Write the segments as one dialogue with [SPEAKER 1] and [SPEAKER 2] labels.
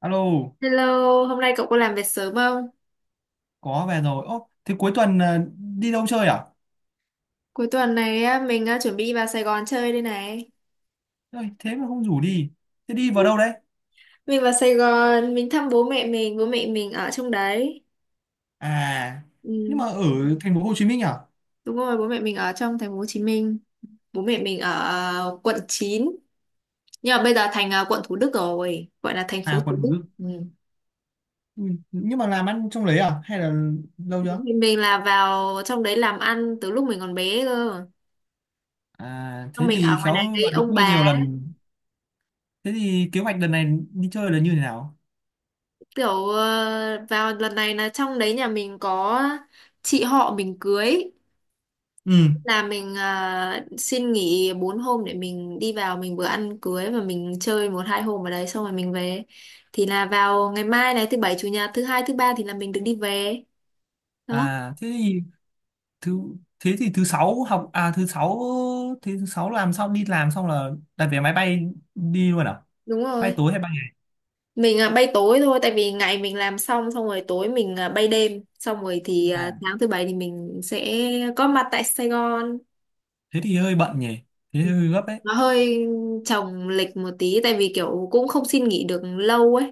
[SPEAKER 1] Alo,
[SPEAKER 2] Hello, hôm nay cậu có làm việc sớm không?
[SPEAKER 1] có về rồi. Ô, thế cuối tuần đi đâu chơi à?
[SPEAKER 2] Cuối tuần này á, mình á, chuẩn bị vào Sài Gòn chơi đây này.
[SPEAKER 1] Ôi, thế mà không rủ đi. Thế đi vào đâu đấy?
[SPEAKER 2] Mình vào Sài Gòn, mình thăm bố mẹ mình ở trong đấy.
[SPEAKER 1] À, nhưng mà
[SPEAKER 2] Ừ,
[SPEAKER 1] ở thành phố Hồ Chí Minh à?
[SPEAKER 2] đúng rồi, bố mẹ mình ở trong thành phố Hồ Chí Minh. Bố mẹ mình ở quận 9, nhưng mà bây giờ thành quận Thủ Đức rồi, gọi là thành phố
[SPEAKER 1] À,
[SPEAKER 2] Thủ
[SPEAKER 1] quận Thủ
[SPEAKER 2] Đức.
[SPEAKER 1] Đức.
[SPEAKER 2] Ừ.
[SPEAKER 1] Ừ, nhưng mà làm ăn trong đấy à? Hay là lâu
[SPEAKER 2] Bố
[SPEAKER 1] chưa?
[SPEAKER 2] mẹ mình là vào trong đấy làm ăn từ lúc mình còn bé cơ.
[SPEAKER 1] À, thế
[SPEAKER 2] Xong mình
[SPEAKER 1] thì
[SPEAKER 2] ở ngoài
[SPEAKER 1] khéo
[SPEAKER 2] này với
[SPEAKER 1] vào đấy
[SPEAKER 2] ông
[SPEAKER 1] chơi nhiều
[SPEAKER 2] bà,
[SPEAKER 1] lần. Thế thì kế hoạch lần này đi chơi là như thế nào?
[SPEAKER 2] kiểu vào lần này là trong đấy nhà mình có chị họ mình cưới,
[SPEAKER 1] Ừ.
[SPEAKER 2] là mình xin nghỉ 4 hôm để mình đi vào, mình vừa ăn cưới và mình chơi một hai hôm ở đấy xong rồi mình về, thì là vào ngày mai này, thứ bảy chủ nhật thứ hai thứ ba thì là mình được đi về đó.
[SPEAKER 1] À, thế thì thứ thứ sáu học à? Thứ sáu, thế thứ sáu làm xong, đi làm xong là đặt vé máy bay đi luôn à?
[SPEAKER 2] Đúng
[SPEAKER 1] Bay
[SPEAKER 2] rồi,
[SPEAKER 1] tối hay bay ngày?
[SPEAKER 2] mình bay tối thôi, tại vì ngày mình làm xong xong rồi tối mình bay đêm, xong rồi thì
[SPEAKER 1] À,
[SPEAKER 2] sáng thứ bảy thì mình sẽ có mặt tại Sài Gòn.
[SPEAKER 1] thế thì hơi bận nhỉ, thế
[SPEAKER 2] Ừ.
[SPEAKER 1] hơi gấp đấy.
[SPEAKER 2] Nó hơi chồng lịch một tí, tại vì kiểu cũng không xin nghỉ được lâu ấy.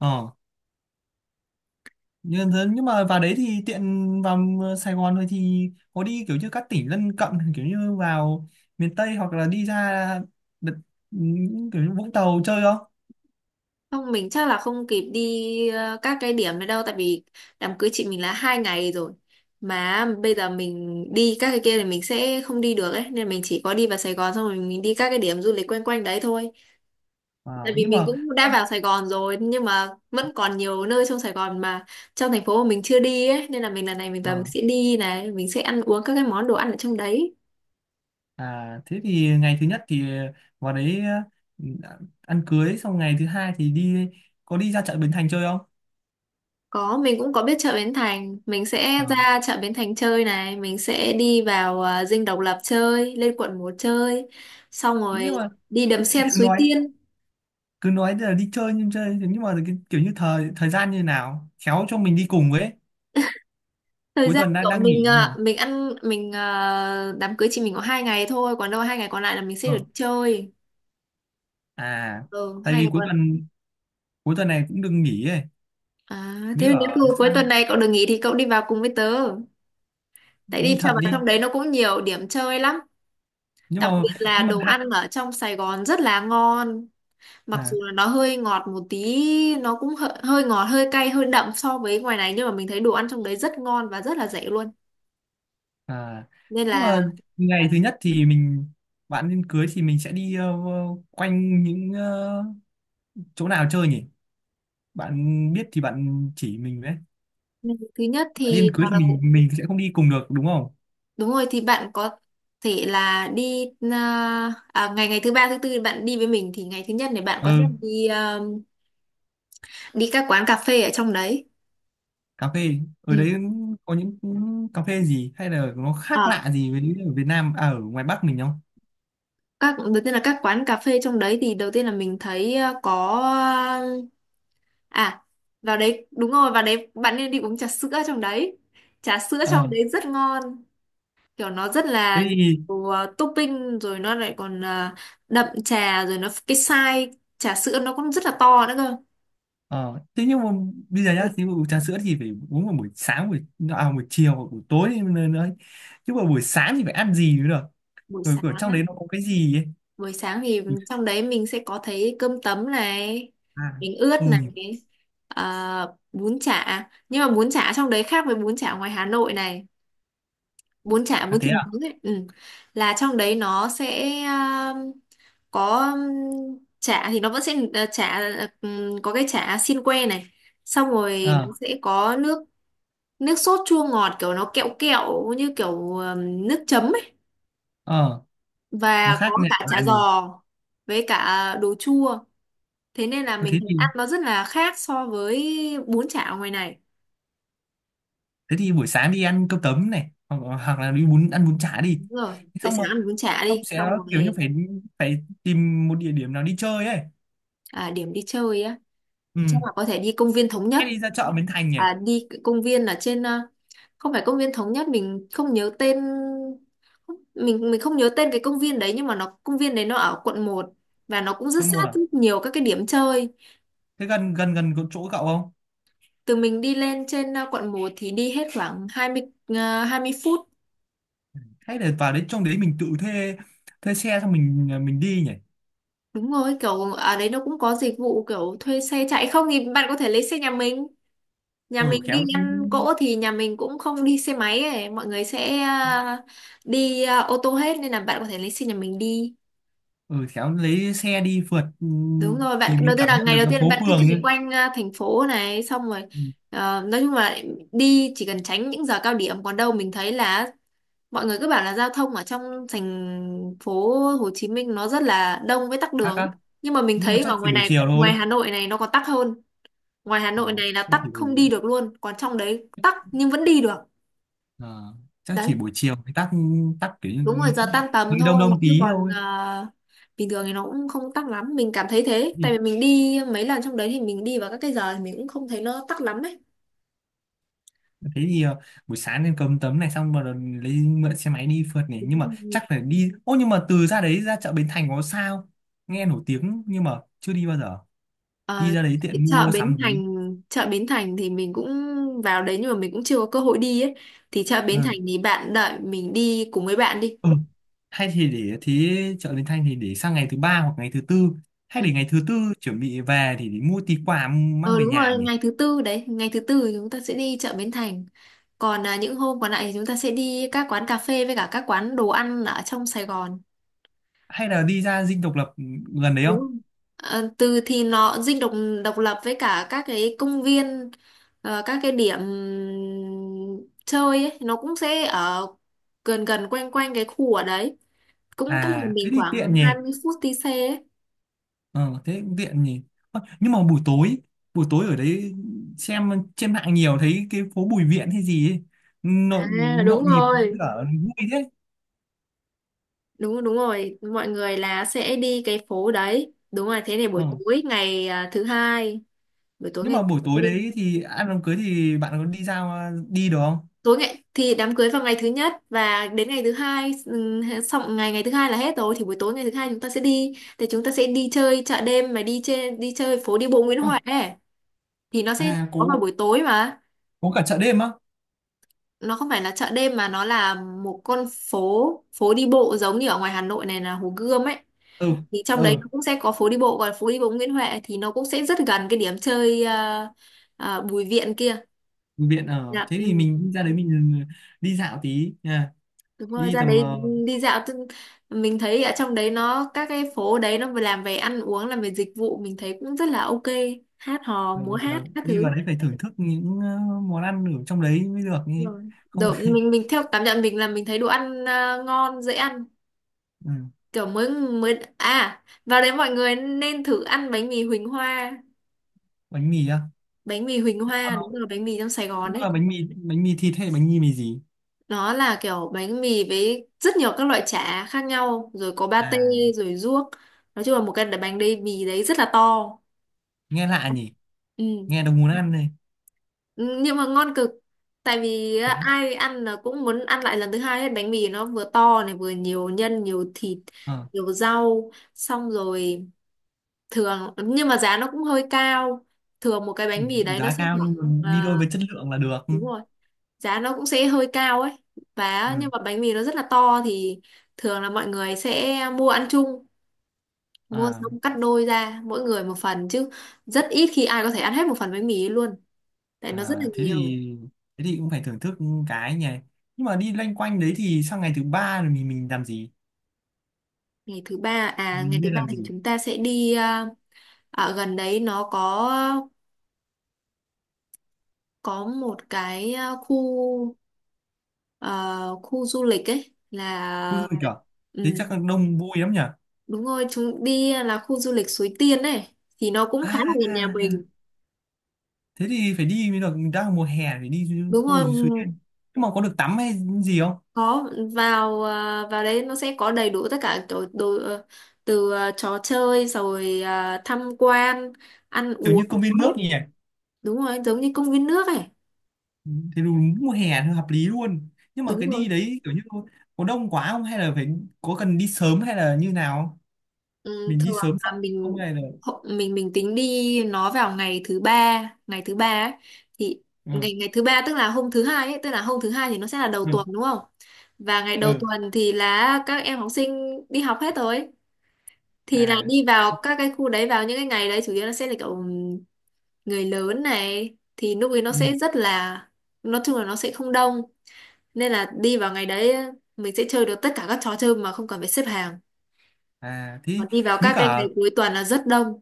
[SPEAKER 1] Ờ nhưng, nhưng mà vào đấy thì tiện, vào Sài Gòn thôi thì có đi kiểu như các tỉnh lân cận, kiểu như vào miền Tây hoặc là đi ra đợt, những kiểu như Vũng Tàu chơi không?
[SPEAKER 2] Không, mình chắc là không kịp đi các cái điểm này đâu, tại vì đám cưới chị mình là 2 ngày rồi, mà bây giờ mình đi các cái kia thì mình sẽ không đi được ấy, nên mình chỉ có đi vào Sài Gòn xong rồi mình đi các cái điểm du lịch quanh quanh đấy thôi.
[SPEAKER 1] À,
[SPEAKER 2] Tại vì
[SPEAKER 1] nhưng
[SPEAKER 2] mình
[SPEAKER 1] mà
[SPEAKER 2] cũng đã vào Sài Gòn rồi nhưng mà vẫn còn nhiều nơi trong Sài Gòn, mà trong thành phố mà mình chưa đi ấy, nên là mình lần này mình vào mình
[SPEAKER 1] à,
[SPEAKER 2] sẽ đi này, mình sẽ ăn uống các cái món đồ ăn ở trong đấy.
[SPEAKER 1] à, Thế thì ngày thứ nhất thì vào đấy, ừ, ăn cưới xong ngày thứ hai thì đi, có đi ra chợ Bến Thành chơi không?
[SPEAKER 2] Có, mình cũng có biết chợ Bến Thành. Mình sẽ
[SPEAKER 1] Ờ.
[SPEAKER 2] ra chợ Bến Thành chơi này. Mình sẽ đi vào Dinh Độc Lập chơi, lên quận 1 chơi. Xong
[SPEAKER 1] Thế nhưng
[SPEAKER 2] rồi
[SPEAKER 1] mà
[SPEAKER 2] đi đầm sen
[SPEAKER 1] cứ
[SPEAKER 2] Suối
[SPEAKER 1] nói
[SPEAKER 2] Tiên.
[SPEAKER 1] cứ nói là đi chơi nhưng chơi, nhưng mà kiểu như thời thời gian như nào khéo cho mình đi cùng với.
[SPEAKER 2] Thời
[SPEAKER 1] Cuối
[SPEAKER 2] gian
[SPEAKER 1] tuần đang
[SPEAKER 2] của
[SPEAKER 1] đang nghỉ
[SPEAKER 2] mình à,
[SPEAKER 1] mà.
[SPEAKER 2] mình ăn mình đám cưới chị mình có 2 ngày thôi, còn đâu 2 ngày còn lại là mình sẽ
[SPEAKER 1] Ờ.
[SPEAKER 2] được chơi.
[SPEAKER 1] À,
[SPEAKER 2] Ừ,
[SPEAKER 1] tại
[SPEAKER 2] hai
[SPEAKER 1] vì
[SPEAKER 2] ngày
[SPEAKER 1] cuối
[SPEAKER 2] còn,
[SPEAKER 1] tuần cuối tuần này cũng đừng nghỉ ấy,
[SPEAKER 2] à,
[SPEAKER 1] mới
[SPEAKER 2] thế nếu
[SPEAKER 1] ở
[SPEAKER 2] như cuối tuần
[SPEAKER 1] sang,
[SPEAKER 2] này cậu được nghỉ thì cậu đi vào cùng với tớ. Tại
[SPEAKER 1] đi
[SPEAKER 2] đi
[SPEAKER 1] thật
[SPEAKER 2] vào
[SPEAKER 1] đi.
[SPEAKER 2] trong đấy nó cũng nhiều điểm chơi lắm.
[SPEAKER 1] nhưng
[SPEAKER 2] Đặc
[SPEAKER 1] mà
[SPEAKER 2] biệt là
[SPEAKER 1] nhưng mà
[SPEAKER 2] đồ
[SPEAKER 1] hạn
[SPEAKER 2] ăn ở trong Sài Gòn rất là ngon. Mặc
[SPEAKER 1] à,
[SPEAKER 2] dù là nó hơi ngọt một tí, nó cũng hơi ngọt hơi cay hơi đậm so với ngoài này, nhưng mà mình thấy đồ ăn trong đấy rất ngon và rất là rẻ luôn,
[SPEAKER 1] à
[SPEAKER 2] nên
[SPEAKER 1] Nhưng
[SPEAKER 2] là
[SPEAKER 1] mà ngày thứ nhất thì mình, bạn nên cưới thì mình sẽ đi quanh những chỗ nào chơi nhỉ? Bạn biết thì bạn chỉ mình đấy.
[SPEAKER 2] ừ, thứ nhất
[SPEAKER 1] Bạn điên
[SPEAKER 2] thì
[SPEAKER 1] cưới thì mình sẽ không đi cùng được đúng không?
[SPEAKER 2] đúng rồi, thì bạn có thể là đi ngày ngày thứ ba thứ tư thì bạn đi với mình, thì ngày thứ nhất này bạn có thể
[SPEAKER 1] Ừ,
[SPEAKER 2] đi đi các quán cà phê ở trong đấy.
[SPEAKER 1] cà phê ở
[SPEAKER 2] Ừ.
[SPEAKER 1] đấy có những cà phê gì hay là nó khác
[SPEAKER 2] Ờ,
[SPEAKER 1] lạ gì với ở Việt Nam, ở ngoài Bắc mình không?
[SPEAKER 2] các đầu tiên là các quán cà phê trong đấy, thì đầu tiên là mình thấy có. À, vào đấy đúng rồi, vào đấy bạn nên đi uống trà sữa trong đấy. Trà sữa trong
[SPEAKER 1] Ờ,
[SPEAKER 2] đấy rất ngon, kiểu nó rất
[SPEAKER 1] thế
[SPEAKER 2] là
[SPEAKER 1] thì
[SPEAKER 2] nhiều topping, rồi nó lại còn đậm trà, rồi nó cái size trà sữa nó cũng rất là to nữa cơ.
[SPEAKER 1] ờ, thế nhưng mà bây giờ nhá
[SPEAKER 2] Bu-
[SPEAKER 1] thì uống trà sữa thì phải uống vào buổi sáng, buổi chiều hoặc buổi tối nữa nữa, chứ mà buổi sáng thì phải ăn gì nữa được?
[SPEAKER 2] Buổi
[SPEAKER 1] Rồi
[SPEAKER 2] sáng
[SPEAKER 1] ở trong
[SPEAKER 2] á,
[SPEAKER 1] đấy nó có cái gì ấy?
[SPEAKER 2] buổi sáng thì
[SPEAKER 1] Ui,
[SPEAKER 2] trong đấy mình sẽ có thấy cơm tấm này,
[SPEAKER 1] à,
[SPEAKER 2] bánh ướt
[SPEAKER 1] ừ,
[SPEAKER 2] này, à, bún chả. Nhưng mà bún chả trong đấy khác với bún chả ngoài Hà Nội này, bún chả
[SPEAKER 1] à
[SPEAKER 2] bún
[SPEAKER 1] thế
[SPEAKER 2] thịt
[SPEAKER 1] à,
[SPEAKER 2] nướng ấy. Ừ. Là trong đấy nó sẽ có chả, thì nó vẫn sẽ chả, có cái chả xiên que này, xong rồi
[SPEAKER 1] ờ,
[SPEAKER 2] nó sẽ có nước nước sốt chua ngọt, kiểu nó kẹo kẹo như kiểu nước chấm ấy,
[SPEAKER 1] ờ, nó
[SPEAKER 2] và
[SPEAKER 1] khác
[SPEAKER 2] có
[SPEAKER 1] nhà
[SPEAKER 2] cả chả
[SPEAKER 1] là
[SPEAKER 2] giò
[SPEAKER 1] nhiều.
[SPEAKER 2] với cả đồ chua, thế nên là
[SPEAKER 1] Ờ,
[SPEAKER 2] mình thấy ăn nó rất là khác so với bún chả ở ngoài này.
[SPEAKER 1] thế thì buổi sáng đi ăn cơm tấm này, hoặc hoặc là đi bún, ăn bún chả đi.
[SPEAKER 2] Đúng rồi,
[SPEAKER 1] Thế
[SPEAKER 2] giờ
[SPEAKER 1] xong mà
[SPEAKER 2] sáng ăn bún chả
[SPEAKER 1] xong
[SPEAKER 2] đi
[SPEAKER 1] sẽ
[SPEAKER 2] xong
[SPEAKER 1] kiểu
[SPEAKER 2] rồi,
[SPEAKER 1] như phải phải tìm một địa điểm nào đi chơi ấy.
[SPEAKER 2] à, điểm đi chơi á,
[SPEAKER 1] Ừ,
[SPEAKER 2] chắc là có thể đi công viên Thống Nhất.
[SPEAKER 1] hay đi ra chợ Bến Thành nhỉ?
[SPEAKER 2] À, đi công viên ở trên không phải công viên Thống Nhất, mình không nhớ tên, mình không nhớ tên cái công viên đấy, nhưng mà nó công viên đấy nó ở quận 1 và nó cũng rất
[SPEAKER 1] Quận một
[SPEAKER 2] sát
[SPEAKER 1] à?
[SPEAKER 2] rất nhiều các cái điểm chơi.
[SPEAKER 1] Thế gần gần gần chỗ cậu không?
[SPEAKER 2] Từ mình đi lên trên quận 1 thì đi hết khoảng 20 phút.
[SPEAKER 1] Hay là vào đến trong đấy mình tự thuê, thuê xe xong mình đi nhỉ?
[SPEAKER 2] Đúng rồi, kiểu ở đấy nó cũng có dịch vụ kiểu thuê xe chạy, không thì bạn có thể lấy xe nhà mình, nhà
[SPEAKER 1] Ừ,
[SPEAKER 2] mình đi
[SPEAKER 1] khéo,
[SPEAKER 2] ăn cỗ thì nhà mình cũng không đi xe máy ấy, mọi người sẽ đi ô tô hết, nên là bạn có thể lấy xe nhà mình đi.
[SPEAKER 1] ừ khéo lấy xe đi phượt. Ừ,
[SPEAKER 2] Đúng rồi,
[SPEAKER 1] thì
[SPEAKER 2] bạn
[SPEAKER 1] mới
[SPEAKER 2] đầu tiên
[SPEAKER 1] cảm
[SPEAKER 2] là
[SPEAKER 1] nhận
[SPEAKER 2] ngày
[SPEAKER 1] được
[SPEAKER 2] đầu
[SPEAKER 1] cái
[SPEAKER 2] tiên
[SPEAKER 1] phố
[SPEAKER 2] bạn cứ
[SPEAKER 1] phường
[SPEAKER 2] chỉ
[SPEAKER 1] ấy.
[SPEAKER 2] quanh thành phố này xong rồi,
[SPEAKER 1] Ừ,
[SPEAKER 2] ờ, nói chung là đi chỉ cần tránh những giờ cao điểm, còn đâu mình thấy là mọi người cứ bảo là giao thông ở trong thành phố Hồ Chí Minh nó rất là đông với tắc
[SPEAKER 1] khác
[SPEAKER 2] đường,
[SPEAKER 1] lắm.
[SPEAKER 2] nhưng mà mình
[SPEAKER 1] Nhưng
[SPEAKER 2] thấy
[SPEAKER 1] mà chắc
[SPEAKER 2] ở
[SPEAKER 1] chỉ
[SPEAKER 2] ngoài
[SPEAKER 1] buổi
[SPEAKER 2] này,
[SPEAKER 1] chiều
[SPEAKER 2] ngoài
[SPEAKER 1] thôi.
[SPEAKER 2] Hà Nội này, nó còn tắc hơn. Ngoài Hà
[SPEAKER 1] ờ,
[SPEAKER 2] Nội này
[SPEAKER 1] chắc
[SPEAKER 2] là tắc
[SPEAKER 1] chỉ buổi
[SPEAKER 2] không đi được luôn, còn trong đấy tắc nhưng vẫn đi được
[SPEAKER 1] ờ, Chắc chỉ
[SPEAKER 2] đấy.
[SPEAKER 1] buổi chiều thì tắc, tắc kiểu
[SPEAKER 2] Đúng
[SPEAKER 1] như
[SPEAKER 2] rồi, giờ tan tầm
[SPEAKER 1] hơi đông
[SPEAKER 2] thôi,
[SPEAKER 1] đông
[SPEAKER 2] chứ
[SPEAKER 1] tí
[SPEAKER 2] còn
[SPEAKER 1] thôi.
[SPEAKER 2] bình thường thì nó cũng không tắc lắm, mình cảm thấy thế,
[SPEAKER 1] thì
[SPEAKER 2] tại vì mình đi mấy lần trong đấy thì mình đi vào các cái giờ thì mình cũng không thấy nó tắc lắm ấy.
[SPEAKER 1] Thế thì buổi sáng nên cầm tấm này xong rồi lấy mượn xe máy đi phượt này,
[SPEAKER 2] Đúng
[SPEAKER 1] nhưng mà
[SPEAKER 2] rồi.
[SPEAKER 1] chắc phải đi ô, nhưng mà từ ra đấy, ra chợ Bến Thành có sao, nghe nổi tiếng nhưng mà chưa đi bao giờ, đi
[SPEAKER 2] Ờ,
[SPEAKER 1] ra đấy
[SPEAKER 2] cái
[SPEAKER 1] tiện mua sắm tí.
[SPEAKER 2] Chợ Bến Thành thì mình cũng vào đấy, nhưng mà mình cũng chưa có cơ hội đi ấy, thì chợ Bến Thành
[SPEAKER 1] Ừ.
[SPEAKER 2] thì bạn đợi mình đi cùng với bạn đi.
[SPEAKER 1] Ừ. Hay thì để, thế chợ Bến Thành thì để sang ngày thứ ba hoặc ngày thứ tư, hay
[SPEAKER 2] Ừ.
[SPEAKER 1] để ngày thứ tư chuẩn bị về thì để mua tí quà mang
[SPEAKER 2] Ờ
[SPEAKER 1] về
[SPEAKER 2] đúng
[SPEAKER 1] nhà
[SPEAKER 2] rồi,
[SPEAKER 1] nhỉ.
[SPEAKER 2] ngày thứ tư đấy, ngày thứ tư thì chúng ta sẽ đi chợ Bến Thành, còn những hôm còn lại thì chúng ta sẽ đi các quán cà phê với cả các quán đồ ăn ở trong Sài Gòn.
[SPEAKER 1] Hay là đi ra Dinh Độc Lập gần đấy
[SPEAKER 2] Đúng
[SPEAKER 1] không?
[SPEAKER 2] rồi. Ờ, từ thì nó dinh độc độc lập với cả các cái công viên, ờ, các cái điểm chơi ấy, nó cũng sẽ ở gần gần quanh quanh cái khu ở đấy, cũng cách nhà
[SPEAKER 1] À thế
[SPEAKER 2] mình
[SPEAKER 1] thì tiện
[SPEAKER 2] khoảng hai
[SPEAKER 1] nhỉ.
[SPEAKER 2] mươi phút đi xe ấy.
[SPEAKER 1] Ờ thế cũng tiện nhỉ. Ơ, nhưng mà buổi tối, buổi tối ở đấy, xem trên mạng nhiều thấy cái phố Bùi Viện hay gì ấy, nhộn,
[SPEAKER 2] À đúng
[SPEAKER 1] nhộn nhịp với
[SPEAKER 2] rồi.
[SPEAKER 1] cả vui thế.
[SPEAKER 2] Đúng rồi, đúng rồi, mọi người là sẽ đi cái phố đấy. Đúng rồi, thế này buổi
[SPEAKER 1] Ờ
[SPEAKER 2] tối ngày thứ hai, buổi tối
[SPEAKER 1] nhưng
[SPEAKER 2] ngày,
[SPEAKER 1] mà buổi tối đấy thì ăn đám cưới, thì bạn có đi ra, đi được không?
[SPEAKER 2] tối ngày thì đám cưới vào ngày thứ nhất và đến ngày thứ hai, xong ngày ngày thứ hai là hết rồi, thì buổi tối ngày thứ hai chúng ta sẽ đi, thì chúng ta sẽ đi chơi chợ đêm mà đi trên đi chơi phố đi bộ Nguyễn Huệ ấy. Thì nó sẽ
[SPEAKER 1] À
[SPEAKER 2] có vào
[SPEAKER 1] có
[SPEAKER 2] buổi tối mà,
[SPEAKER 1] có cả chợ đêm á.
[SPEAKER 2] nó không phải là chợ đêm mà nó là một con phố, phố đi bộ giống như ở ngoài Hà Nội này là Hồ Gươm ấy,
[SPEAKER 1] Ừ,
[SPEAKER 2] thì trong
[SPEAKER 1] ừ,
[SPEAKER 2] đấy nó cũng sẽ có phố đi bộ. Còn phố đi bộ Nguyễn Huệ thì nó cũng sẽ rất gần cái điểm chơi Bùi Viện kia.
[SPEAKER 1] viện ở
[SPEAKER 2] Dạ,
[SPEAKER 1] thế thì
[SPEAKER 2] ừ.
[SPEAKER 1] mình đi ra đấy mình, ừ, đi dạo tí nha.
[SPEAKER 2] Đúng rồi,
[SPEAKER 1] Đi
[SPEAKER 2] ra
[SPEAKER 1] tầm
[SPEAKER 2] đấy đi dạo tức mình thấy ở trong đấy nó các cái phố đấy nó vừa làm về ăn uống làm về dịch vụ, mình thấy cũng rất là ok, hát hò
[SPEAKER 1] ờ,
[SPEAKER 2] múa hát
[SPEAKER 1] và
[SPEAKER 2] các
[SPEAKER 1] đi vào
[SPEAKER 2] thứ.
[SPEAKER 1] đấy phải thưởng thức những món ăn ở trong đấy mới được
[SPEAKER 2] Đúng
[SPEAKER 1] nhỉ.
[SPEAKER 2] rồi,
[SPEAKER 1] Không
[SPEAKER 2] đồ, mình mình theo cảm nhận mình là mình thấy đồ ăn ngon dễ ăn,
[SPEAKER 1] ừ,
[SPEAKER 2] kiểu mới mới à vào đấy mọi người nên thử ăn bánh mì Huỳnh Hoa.
[SPEAKER 1] bánh mì á.
[SPEAKER 2] Bánh mì Huỳnh
[SPEAKER 1] Thế còn
[SPEAKER 2] Hoa
[SPEAKER 1] nó
[SPEAKER 2] đúng rồi, bánh mì trong Sài Gòn
[SPEAKER 1] cũng
[SPEAKER 2] ấy,
[SPEAKER 1] là bánh mì, bánh mì thịt hay bánh mì mì gì?
[SPEAKER 2] nó là kiểu bánh mì với rất nhiều các loại chả khác nhau, rồi có pate
[SPEAKER 1] À,
[SPEAKER 2] rồi ruốc, nói chung là một cái bánh mì đấy rất là to.
[SPEAKER 1] nghe lạ nhỉ.
[SPEAKER 2] Ừ.
[SPEAKER 1] Nghe đâu muốn ăn này.
[SPEAKER 2] Ừ, nhưng mà ngon cực. Tại vì
[SPEAKER 1] Thế
[SPEAKER 2] á,
[SPEAKER 1] á.
[SPEAKER 2] ai ăn là cũng muốn ăn lại lần thứ hai, hết bánh mì nó vừa to này vừa nhiều nhân nhiều thịt
[SPEAKER 1] Ờ,
[SPEAKER 2] nhiều rau, xong rồi thường nhưng mà giá nó cũng hơi cao, thường một cái bánh mì đấy nó
[SPEAKER 1] giá
[SPEAKER 2] sẽ
[SPEAKER 1] cao
[SPEAKER 2] khoảng,
[SPEAKER 1] nhưng mà đi
[SPEAKER 2] à,
[SPEAKER 1] đôi với chất lượng là được. Ừ.
[SPEAKER 2] đúng rồi, giá nó cũng sẽ hơi cao ấy, và nhưng
[SPEAKER 1] Ừ,
[SPEAKER 2] mà bánh mì nó rất là to, thì thường là mọi người sẽ mua ăn chung, mua
[SPEAKER 1] à.
[SPEAKER 2] xong cắt đôi ra mỗi người một phần, chứ rất ít khi ai có thể ăn hết một phần bánh mì ấy luôn, tại nó rất là
[SPEAKER 1] À,
[SPEAKER 2] nhiều.
[SPEAKER 1] thế thì cũng phải thưởng thức cái nhỉ. Nhưng mà đi loanh quanh đấy thì sang ngày thứ ba rồi mình làm gì?
[SPEAKER 2] Ngày thứ ba, à ngày
[SPEAKER 1] Mình
[SPEAKER 2] thứ
[SPEAKER 1] nên
[SPEAKER 2] ba
[SPEAKER 1] làm
[SPEAKER 2] thì
[SPEAKER 1] gì?
[SPEAKER 2] chúng ta sẽ đi ở gần đấy nó có một cái khu du lịch ấy,
[SPEAKER 1] Khu
[SPEAKER 2] là
[SPEAKER 1] du lịch à? Thế
[SPEAKER 2] ừ,
[SPEAKER 1] chắc là đông vui lắm nhỉ.
[SPEAKER 2] đúng rồi, chúng đi là khu du lịch Suối Tiên ấy, thì nó cũng khá là gần
[SPEAKER 1] À,
[SPEAKER 2] nhà mình.
[SPEAKER 1] thế thì phải đi mới được, đang mùa hè phải đi
[SPEAKER 2] Đúng
[SPEAKER 1] khu
[SPEAKER 2] rồi,
[SPEAKER 1] lịch Suối Tiên. Nhưng mà có được tắm hay gì không?
[SPEAKER 2] có, vào vào đấy nó sẽ có đầy đủ tất cả đồ từ trò chơi rồi tham quan ăn
[SPEAKER 1] Kiểu như
[SPEAKER 2] uống
[SPEAKER 1] công viên
[SPEAKER 2] hết.
[SPEAKER 1] nước nhỉ.
[SPEAKER 2] Đúng rồi, giống như công viên nước ấy.
[SPEAKER 1] Thế đúng mùa hè thì hợp lý luôn. Nhưng mà
[SPEAKER 2] Đúng
[SPEAKER 1] cái
[SPEAKER 2] rồi.
[SPEAKER 1] đi đấy kiểu như có đông quá không, hay là phải có cần đi sớm hay là như nào không?
[SPEAKER 2] Ừ,
[SPEAKER 1] Mình đi
[SPEAKER 2] thường
[SPEAKER 1] sớm sợ
[SPEAKER 2] là
[SPEAKER 1] không
[SPEAKER 2] mình
[SPEAKER 1] hay là
[SPEAKER 2] mình tính đi nó vào ngày thứ ba, ngày thứ ba ấy, thì
[SPEAKER 1] ừ,
[SPEAKER 2] ngày ngày thứ ba tức là hôm thứ hai ấy tức là hôm thứ hai thì nó sẽ là đầu
[SPEAKER 1] ừ,
[SPEAKER 2] tuần đúng không, và ngày đầu
[SPEAKER 1] ừ,
[SPEAKER 2] tuần thì là các em học sinh đi học hết rồi, thì là
[SPEAKER 1] à,
[SPEAKER 2] đi vào các cái khu đấy vào những cái ngày đấy chủ yếu là sẽ là kiểu người lớn này, thì lúc ấy nó
[SPEAKER 1] ừ.
[SPEAKER 2] sẽ rất là, nói chung là nó sẽ không đông, nên là đi vào ngày đấy mình sẽ chơi được tất cả các trò chơi mà không cần phải xếp hàng,
[SPEAKER 1] À thế
[SPEAKER 2] còn đi vào
[SPEAKER 1] mới
[SPEAKER 2] các cái ngày
[SPEAKER 1] cả,
[SPEAKER 2] cuối tuần là rất đông.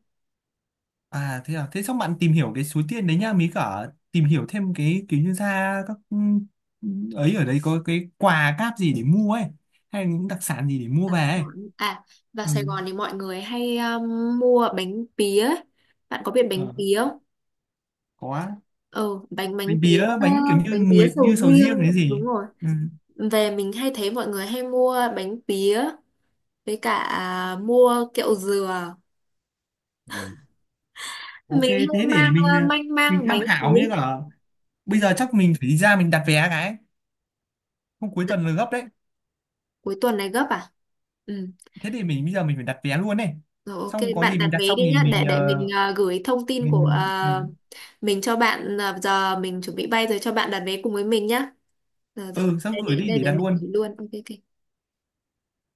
[SPEAKER 1] à thế à, thế xong bạn tìm hiểu cái số tiền đấy nhá, mới cả tìm hiểu thêm cái kiểu như ra các ấy ở đây có cái quà cáp gì để mua ấy, hay những đặc sản gì để mua
[SPEAKER 2] Đặc
[SPEAKER 1] về ấy.
[SPEAKER 2] sản, à vào
[SPEAKER 1] Ừ.
[SPEAKER 2] Sài Gòn thì mọi người hay mua bánh pía. Bạn có biết
[SPEAKER 1] Ờ,
[SPEAKER 2] bánh pía không?
[SPEAKER 1] có,
[SPEAKER 2] Ừ, bánh bánh
[SPEAKER 1] bánh
[SPEAKER 2] pía.
[SPEAKER 1] bía bánh kiểu như
[SPEAKER 2] Bánh pía
[SPEAKER 1] mùi như
[SPEAKER 2] sầu
[SPEAKER 1] sầu riêng đấy
[SPEAKER 2] riêng đúng
[SPEAKER 1] gì.
[SPEAKER 2] rồi,
[SPEAKER 1] Ừ.
[SPEAKER 2] về mình hay thấy mọi người hay mua bánh pía với cả mua kẹo dừa.
[SPEAKER 1] Ừ. Ok
[SPEAKER 2] Mình
[SPEAKER 1] thế
[SPEAKER 2] hay
[SPEAKER 1] để
[SPEAKER 2] mang
[SPEAKER 1] mình
[SPEAKER 2] manh
[SPEAKER 1] mình
[SPEAKER 2] mang
[SPEAKER 1] tham
[SPEAKER 2] bánh
[SPEAKER 1] khảo mới cả
[SPEAKER 2] pía.
[SPEAKER 1] bây
[SPEAKER 2] Ừ.
[SPEAKER 1] giờ chắc mình phải đi ra mình đặt vé cái, hôm cuối tuần là gấp đấy.
[SPEAKER 2] Cuối tuần này gấp à? Ừ.
[SPEAKER 1] Thế thì mình bây giờ mình phải đặt vé luôn này,
[SPEAKER 2] Rồi
[SPEAKER 1] xong
[SPEAKER 2] ok,
[SPEAKER 1] có
[SPEAKER 2] bạn
[SPEAKER 1] gì
[SPEAKER 2] đặt
[SPEAKER 1] mình đặt
[SPEAKER 2] vé
[SPEAKER 1] xong
[SPEAKER 2] đi
[SPEAKER 1] thì
[SPEAKER 2] nhá,
[SPEAKER 1] mình
[SPEAKER 2] để mình gửi thông tin của
[SPEAKER 1] mình ừ.
[SPEAKER 2] mình cho bạn, ờ, giờ mình chuẩn bị bay rồi, cho bạn đặt vé cùng với mình nhá. Rồi rồi,
[SPEAKER 1] Ừ sắp
[SPEAKER 2] đây
[SPEAKER 1] gửi
[SPEAKER 2] đây
[SPEAKER 1] đi
[SPEAKER 2] đây
[SPEAKER 1] để
[SPEAKER 2] để
[SPEAKER 1] đặt
[SPEAKER 2] mình
[SPEAKER 1] luôn
[SPEAKER 2] gửi luôn. Ok ok.